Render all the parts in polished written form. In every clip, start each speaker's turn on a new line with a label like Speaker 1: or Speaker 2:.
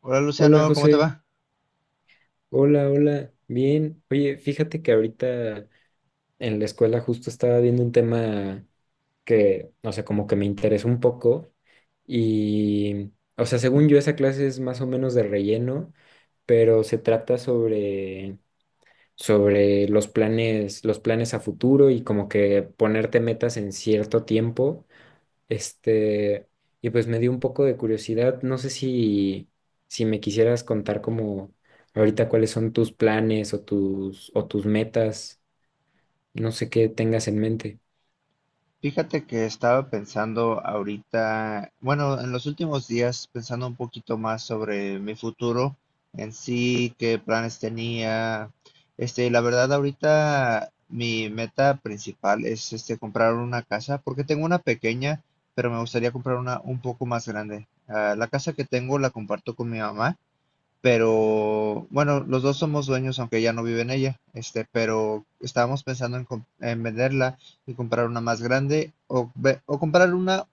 Speaker 1: Hola
Speaker 2: Hola
Speaker 1: Luciano, ¿cómo te
Speaker 2: José,
Speaker 1: va?
Speaker 2: hola, hola, bien. Oye, fíjate que ahorita en la escuela justo estaba viendo un tema que, o sea, como que me interesó un poco y, o sea, según yo esa clase es más o menos de relleno, pero se trata sobre los planes a futuro y como que ponerte metas en cierto tiempo este, y pues me dio un poco de curiosidad. No sé si me quisieras contar como ahorita cuáles son tus planes o tus metas. No sé qué tengas en mente.
Speaker 1: Fíjate que estaba pensando ahorita, bueno, en los últimos días pensando un poquito más sobre mi futuro en sí, qué planes tenía. Este, la verdad ahorita mi meta principal es este comprar una casa porque tengo una pequeña, pero me gustaría comprar una un poco más grande. Ah, la casa que tengo la comparto con mi mamá. Pero bueno, los dos somos dueños, aunque ya no vive en ella, este, pero estábamos pensando en venderla y comprar una más grande o comprar una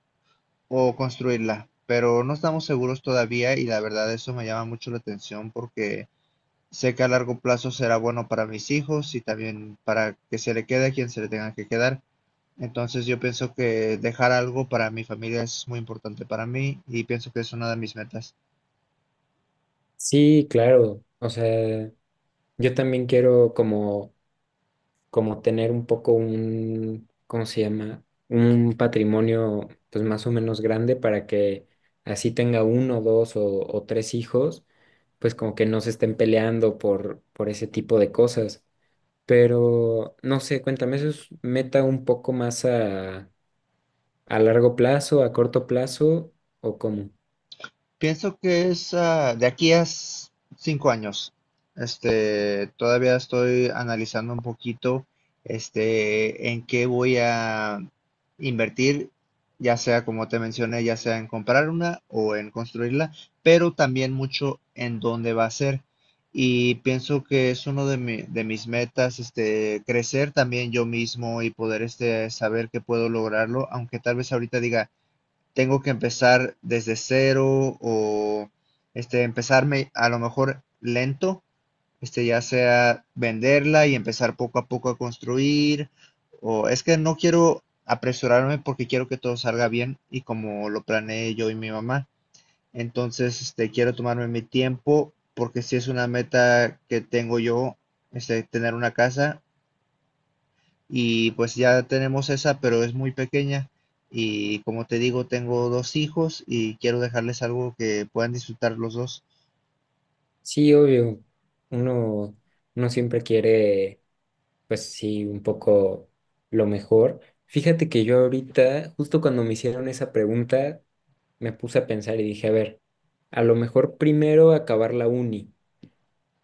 Speaker 1: o construirla, pero no estamos seguros todavía y la verdad eso me llama mucho la atención porque sé que a largo plazo será bueno para mis hijos y también para que se le quede a quien se le tenga que quedar. Entonces yo pienso que dejar algo para mi familia es muy importante para mí y pienso que es una de mis metas.
Speaker 2: Sí, claro. O sea, yo también quiero como tener un poco un, ¿cómo se llama? Un patrimonio pues más o menos grande para que así tenga uno, dos o tres hijos, pues como que no se estén peleando por ese tipo de cosas. Pero no sé, cuéntame, ¿eso es meta un poco más a largo plazo, a corto plazo o cómo?
Speaker 1: Pienso que es de aquí a 5 años. Este, todavía estoy analizando un poquito, este, en qué voy a invertir, ya sea como te mencioné, ya sea en comprar una o en construirla, pero también mucho en dónde va a ser. Y pienso que es uno de de mis metas, este, crecer también yo mismo y poder, este, saber que puedo lograrlo, aunque tal vez ahorita diga tengo que empezar desde cero o este, empezarme a lo mejor lento, este, ya sea venderla y empezar poco a poco a construir, o es que no quiero apresurarme porque quiero que todo salga bien y como lo planeé yo y mi mamá. Entonces, este, quiero tomarme mi tiempo porque si es una meta que tengo yo, este, tener una casa y pues ya tenemos esa, pero es muy pequeña. Y como te digo, tengo dos hijos y quiero dejarles algo que puedan disfrutar los dos.
Speaker 2: Sí, obvio, uno, uno siempre quiere, pues sí, un poco lo mejor. Fíjate que yo ahorita, justo cuando me hicieron esa pregunta, me puse a pensar y dije, a ver, a lo mejor primero acabar la uni,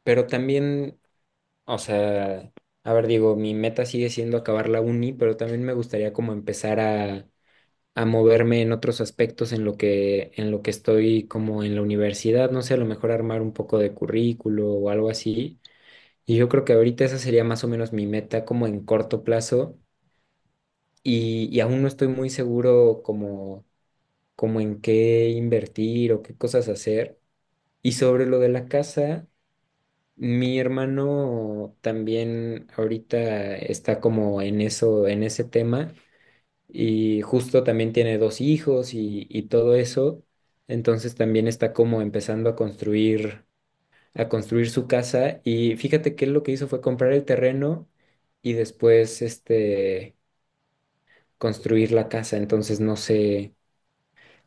Speaker 2: pero también, o sea, a ver, digo, mi meta sigue siendo acabar la uni, pero también me gustaría como empezar a moverme en otros aspectos en lo que estoy como en la universidad, no sé, a lo mejor armar un poco de currículo o algo así. Y yo creo que ahorita esa sería más o menos mi meta como en corto plazo y aún no estoy muy seguro como en qué invertir o qué cosas hacer. Y sobre lo de la casa, mi hermano también ahorita está como en eso, en ese tema. Y justo también tiene dos hijos y todo eso. Entonces también está como empezando a construir su casa. Y fíjate que él lo que hizo fue comprar el terreno y después construir la casa. Entonces no sé,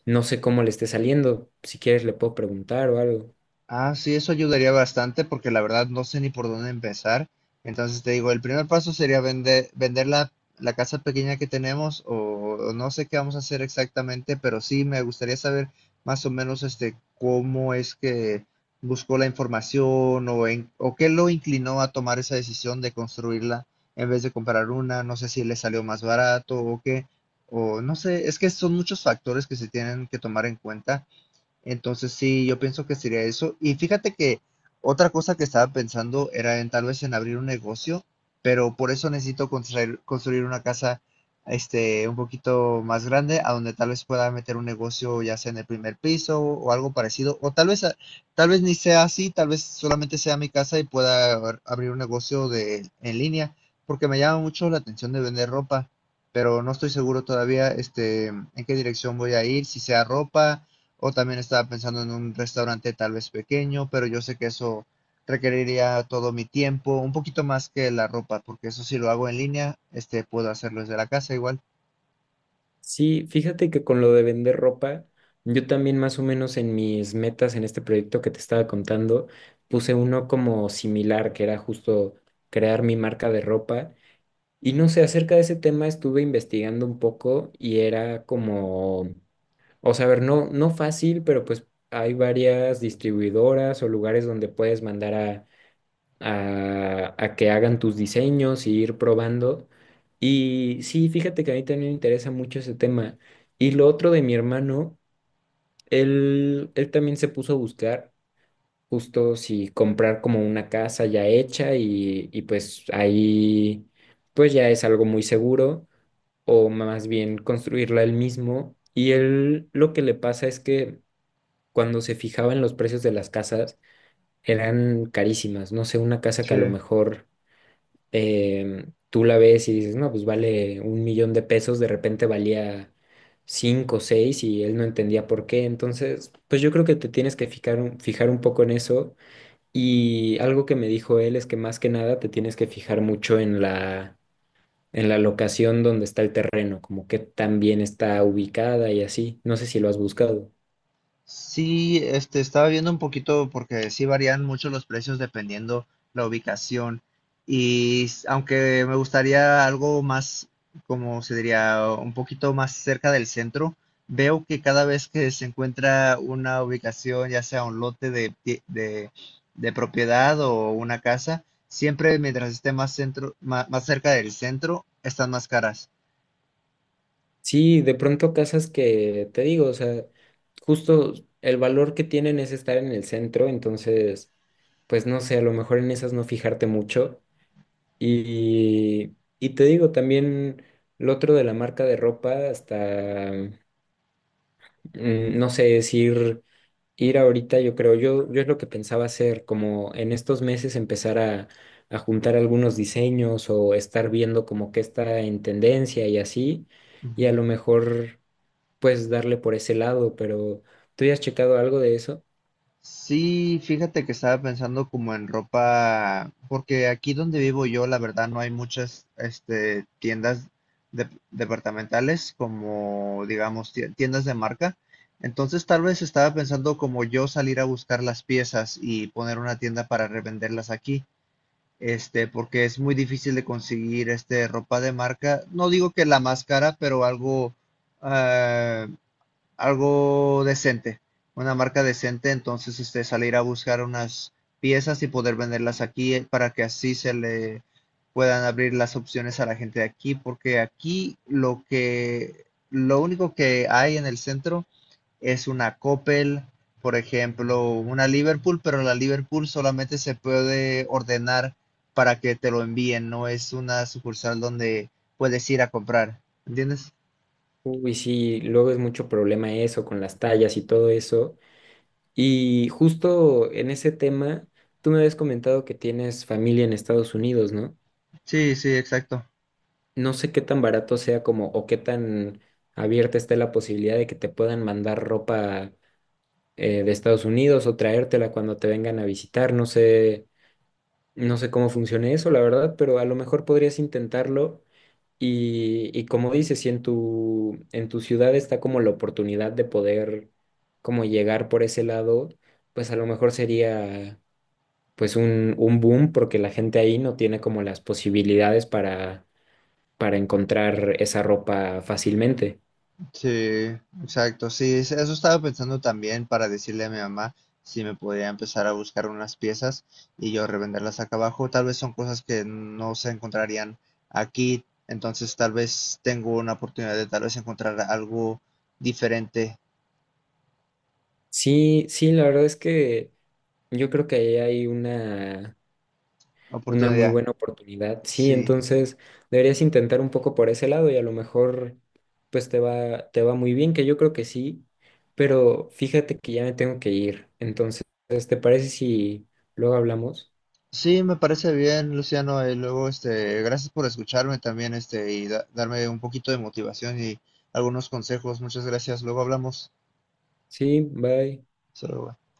Speaker 2: no sé cómo le esté saliendo. Si quieres le puedo preguntar o algo.
Speaker 1: Ah, sí, eso ayudaría bastante porque la verdad no sé ni por dónde empezar. Entonces te digo, el primer paso sería vender, vender la casa pequeña que tenemos o no sé qué vamos a hacer exactamente, pero sí me gustaría saber más o menos este cómo es que buscó la información o qué lo inclinó a tomar esa decisión de construirla en vez de comprar una. No sé si le salió más barato o qué, o no sé, es que son muchos factores que se tienen que tomar en cuenta entonces sí, yo pienso que sería eso. Y fíjate que otra cosa que estaba pensando era en tal vez en abrir un negocio, pero por eso necesito construir, construir una casa este un poquito más grande a donde tal vez pueda meter un negocio ya sea en el primer piso o algo parecido o tal vez ni sea así, tal vez solamente sea mi casa y pueda abrir un negocio de en línea, porque me llama mucho la atención de vender ropa, pero no estoy seguro todavía este en qué dirección voy a ir, si sea ropa o también estaba pensando en un restaurante tal vez pequeño, pero yo sé que eso requeriría todo mi tiempo, un poquito más que la ropa, porque eso si lo hago en línea, este, puedo hacerlo desde la casa igual.
Speaker 2: Sí, fíjate que con lo de vender ropa, yo también más o menos en mis metas en este proyecto que te estaba contando, puse uno como similar, que era justo crear mi marca de ropa. Y no sé, acerca de ese tema estuve investigando un poco y era como, o sea, a ver, no, no fácil, pero pues hay varias distribuidoras o lugares donde puedes mandar a que hagan tus diseños y ir probando. Y sí, fíjate que a mí también me interesa mucho ese tema. Y lo otro de mi hermano, él también se puso a buscar justo si comprar como una casa ya hecha y pues ahí pues ya es algo muy seguro o más bien construirla él mismo. Y él lo que le pasa es que cuando se fijaba en los precios de las casas eran carísimas. No sé, una casa que a lo
Speaker 1: Sí.
Speaker 2: mejor tú la ves y dices, no, pues vale un millón de pesos, de repente valía cinco o seis y él no entendía por qué. Entonces, pues yo creo que te tienes que fijar un poco en eso. Y algo que me dijo él es que más que nada te tienes que fijar mucho en la locación donde está el terreno, como que tan bien está ubicada y así. No sé si lo has buscado.
Speaker 1: Sí, este, estaba viendo un poquito porque sí varían mucho los precios dependiendo la ubicación. Y aunque me gustaría algo más, como se diría, un poquito más cerca del centro, veo que cada vez que se encuentra una ubicación, ya sea un lote de propiedad o una casa, siempre mientras esté más centro, más, cerca del centro, están más caras.
Speaker 2: Sí, de pronto casas que, te digo, o sea, justo el valor que tienen es estar en el centro, entonces, pues no sé, a lo mejor en esas no fijarte mucho. Y te digo, también lo otro de la marca de ropa, hasta, no sé, decir ir ahorita, yo creo, yo es lo que pensaba hacer, como en estos meses empezar a juntar algunos diseños o estar viendo como qué está en tendencia y así, y a lo
Speaker 1: Ujú.
Speaker 2: mejor puedes darle por ese lado, pero ¿tú ya has checado algo de eso?
Speaker 1: Sí, fíjate que estaba pensando como en ropa, porque aquí donde vivo yo, la verdad, no hay muchas, este, tiendas departamentales como, digamos, tiendas de marca. Entonces, tal vez estaba pensando como yo salir a buscar las piezas y poner una tienda para revenderlas aquí, este, porque es muy difícil de conseguir, este, ropa de marca. No digo que la más cara, pero ah, algo decente, una marca decente, entonces este, salir a buscar unas piezas y poder venderlas aquí, para que así se le puedan abrir las opciones a la gente de aquí, porque aquí lo único que hay en el centro es una Coppel, por ejemplo, una Liverpool, pero la Liverpool solamente se puede ordenar para que te lo envíen, no es una sucursal donde puedes ir a comprar, ¿entiendes?
Speaker 2: Uy, sí, luego es mucho problema eso con las tallas y todo eso. Y justo en ese tema, tú me habías comentado que tienes familia en Estados Unidos, ¿no?
Speaker 1: Sí, sí, exacto.
Speaker 2: No sé qué tan barato sea como o qué tan abierta esté la posibilidad de que te puedan mandar ropa de Estados Unidos o traértela cuando te vengan a visitar. No sé cómo funcione eso, la verdad, pero a lo mejor podrías intentarlo. Y como dices, si en tu ciudad está como la oportunidad de poder como llegar por ese lado, pues a lo mejor sería pues un boom porque la gente ahí no tiene como las posibilidades para encontrar esa ropa fácilmente.
Speaker 1: Sí, exacto. Sí, eso estaba pensando también para decirle a mi mamá si me podía empezar a buscar unas piezas y yo revenderlas acá abajo. Tal vez son cosas que no se encontrarían aquí, entonces tal vez tengo una oportunidad de tal vez encontrar algo diferente.
Speaker 2: Sí, sí, la verdad es que yo creo que ahí hay una muy
Speaker 1: Oportunidad.
Speaker 2: buena oportunidad. Sí,
Speaker 1: Sí.
Speaker 2: entonces deberías intentar un poco por ese lado y a lo mejor pues te va muy bien, que yo creo que sí, pero fíjate que ya me tengo que ir. Entonces, ¿te parece si luego hablamos?
Speaker 1: Sí, me parece bien, Luciano. Y luego, este, gracias por escucharme también, este, y darme un poquito de motivación y algunos consejos. Muchas gracias. Luego hablamos.
Speaker 2: Sí, bye.
Speaker 1: Solo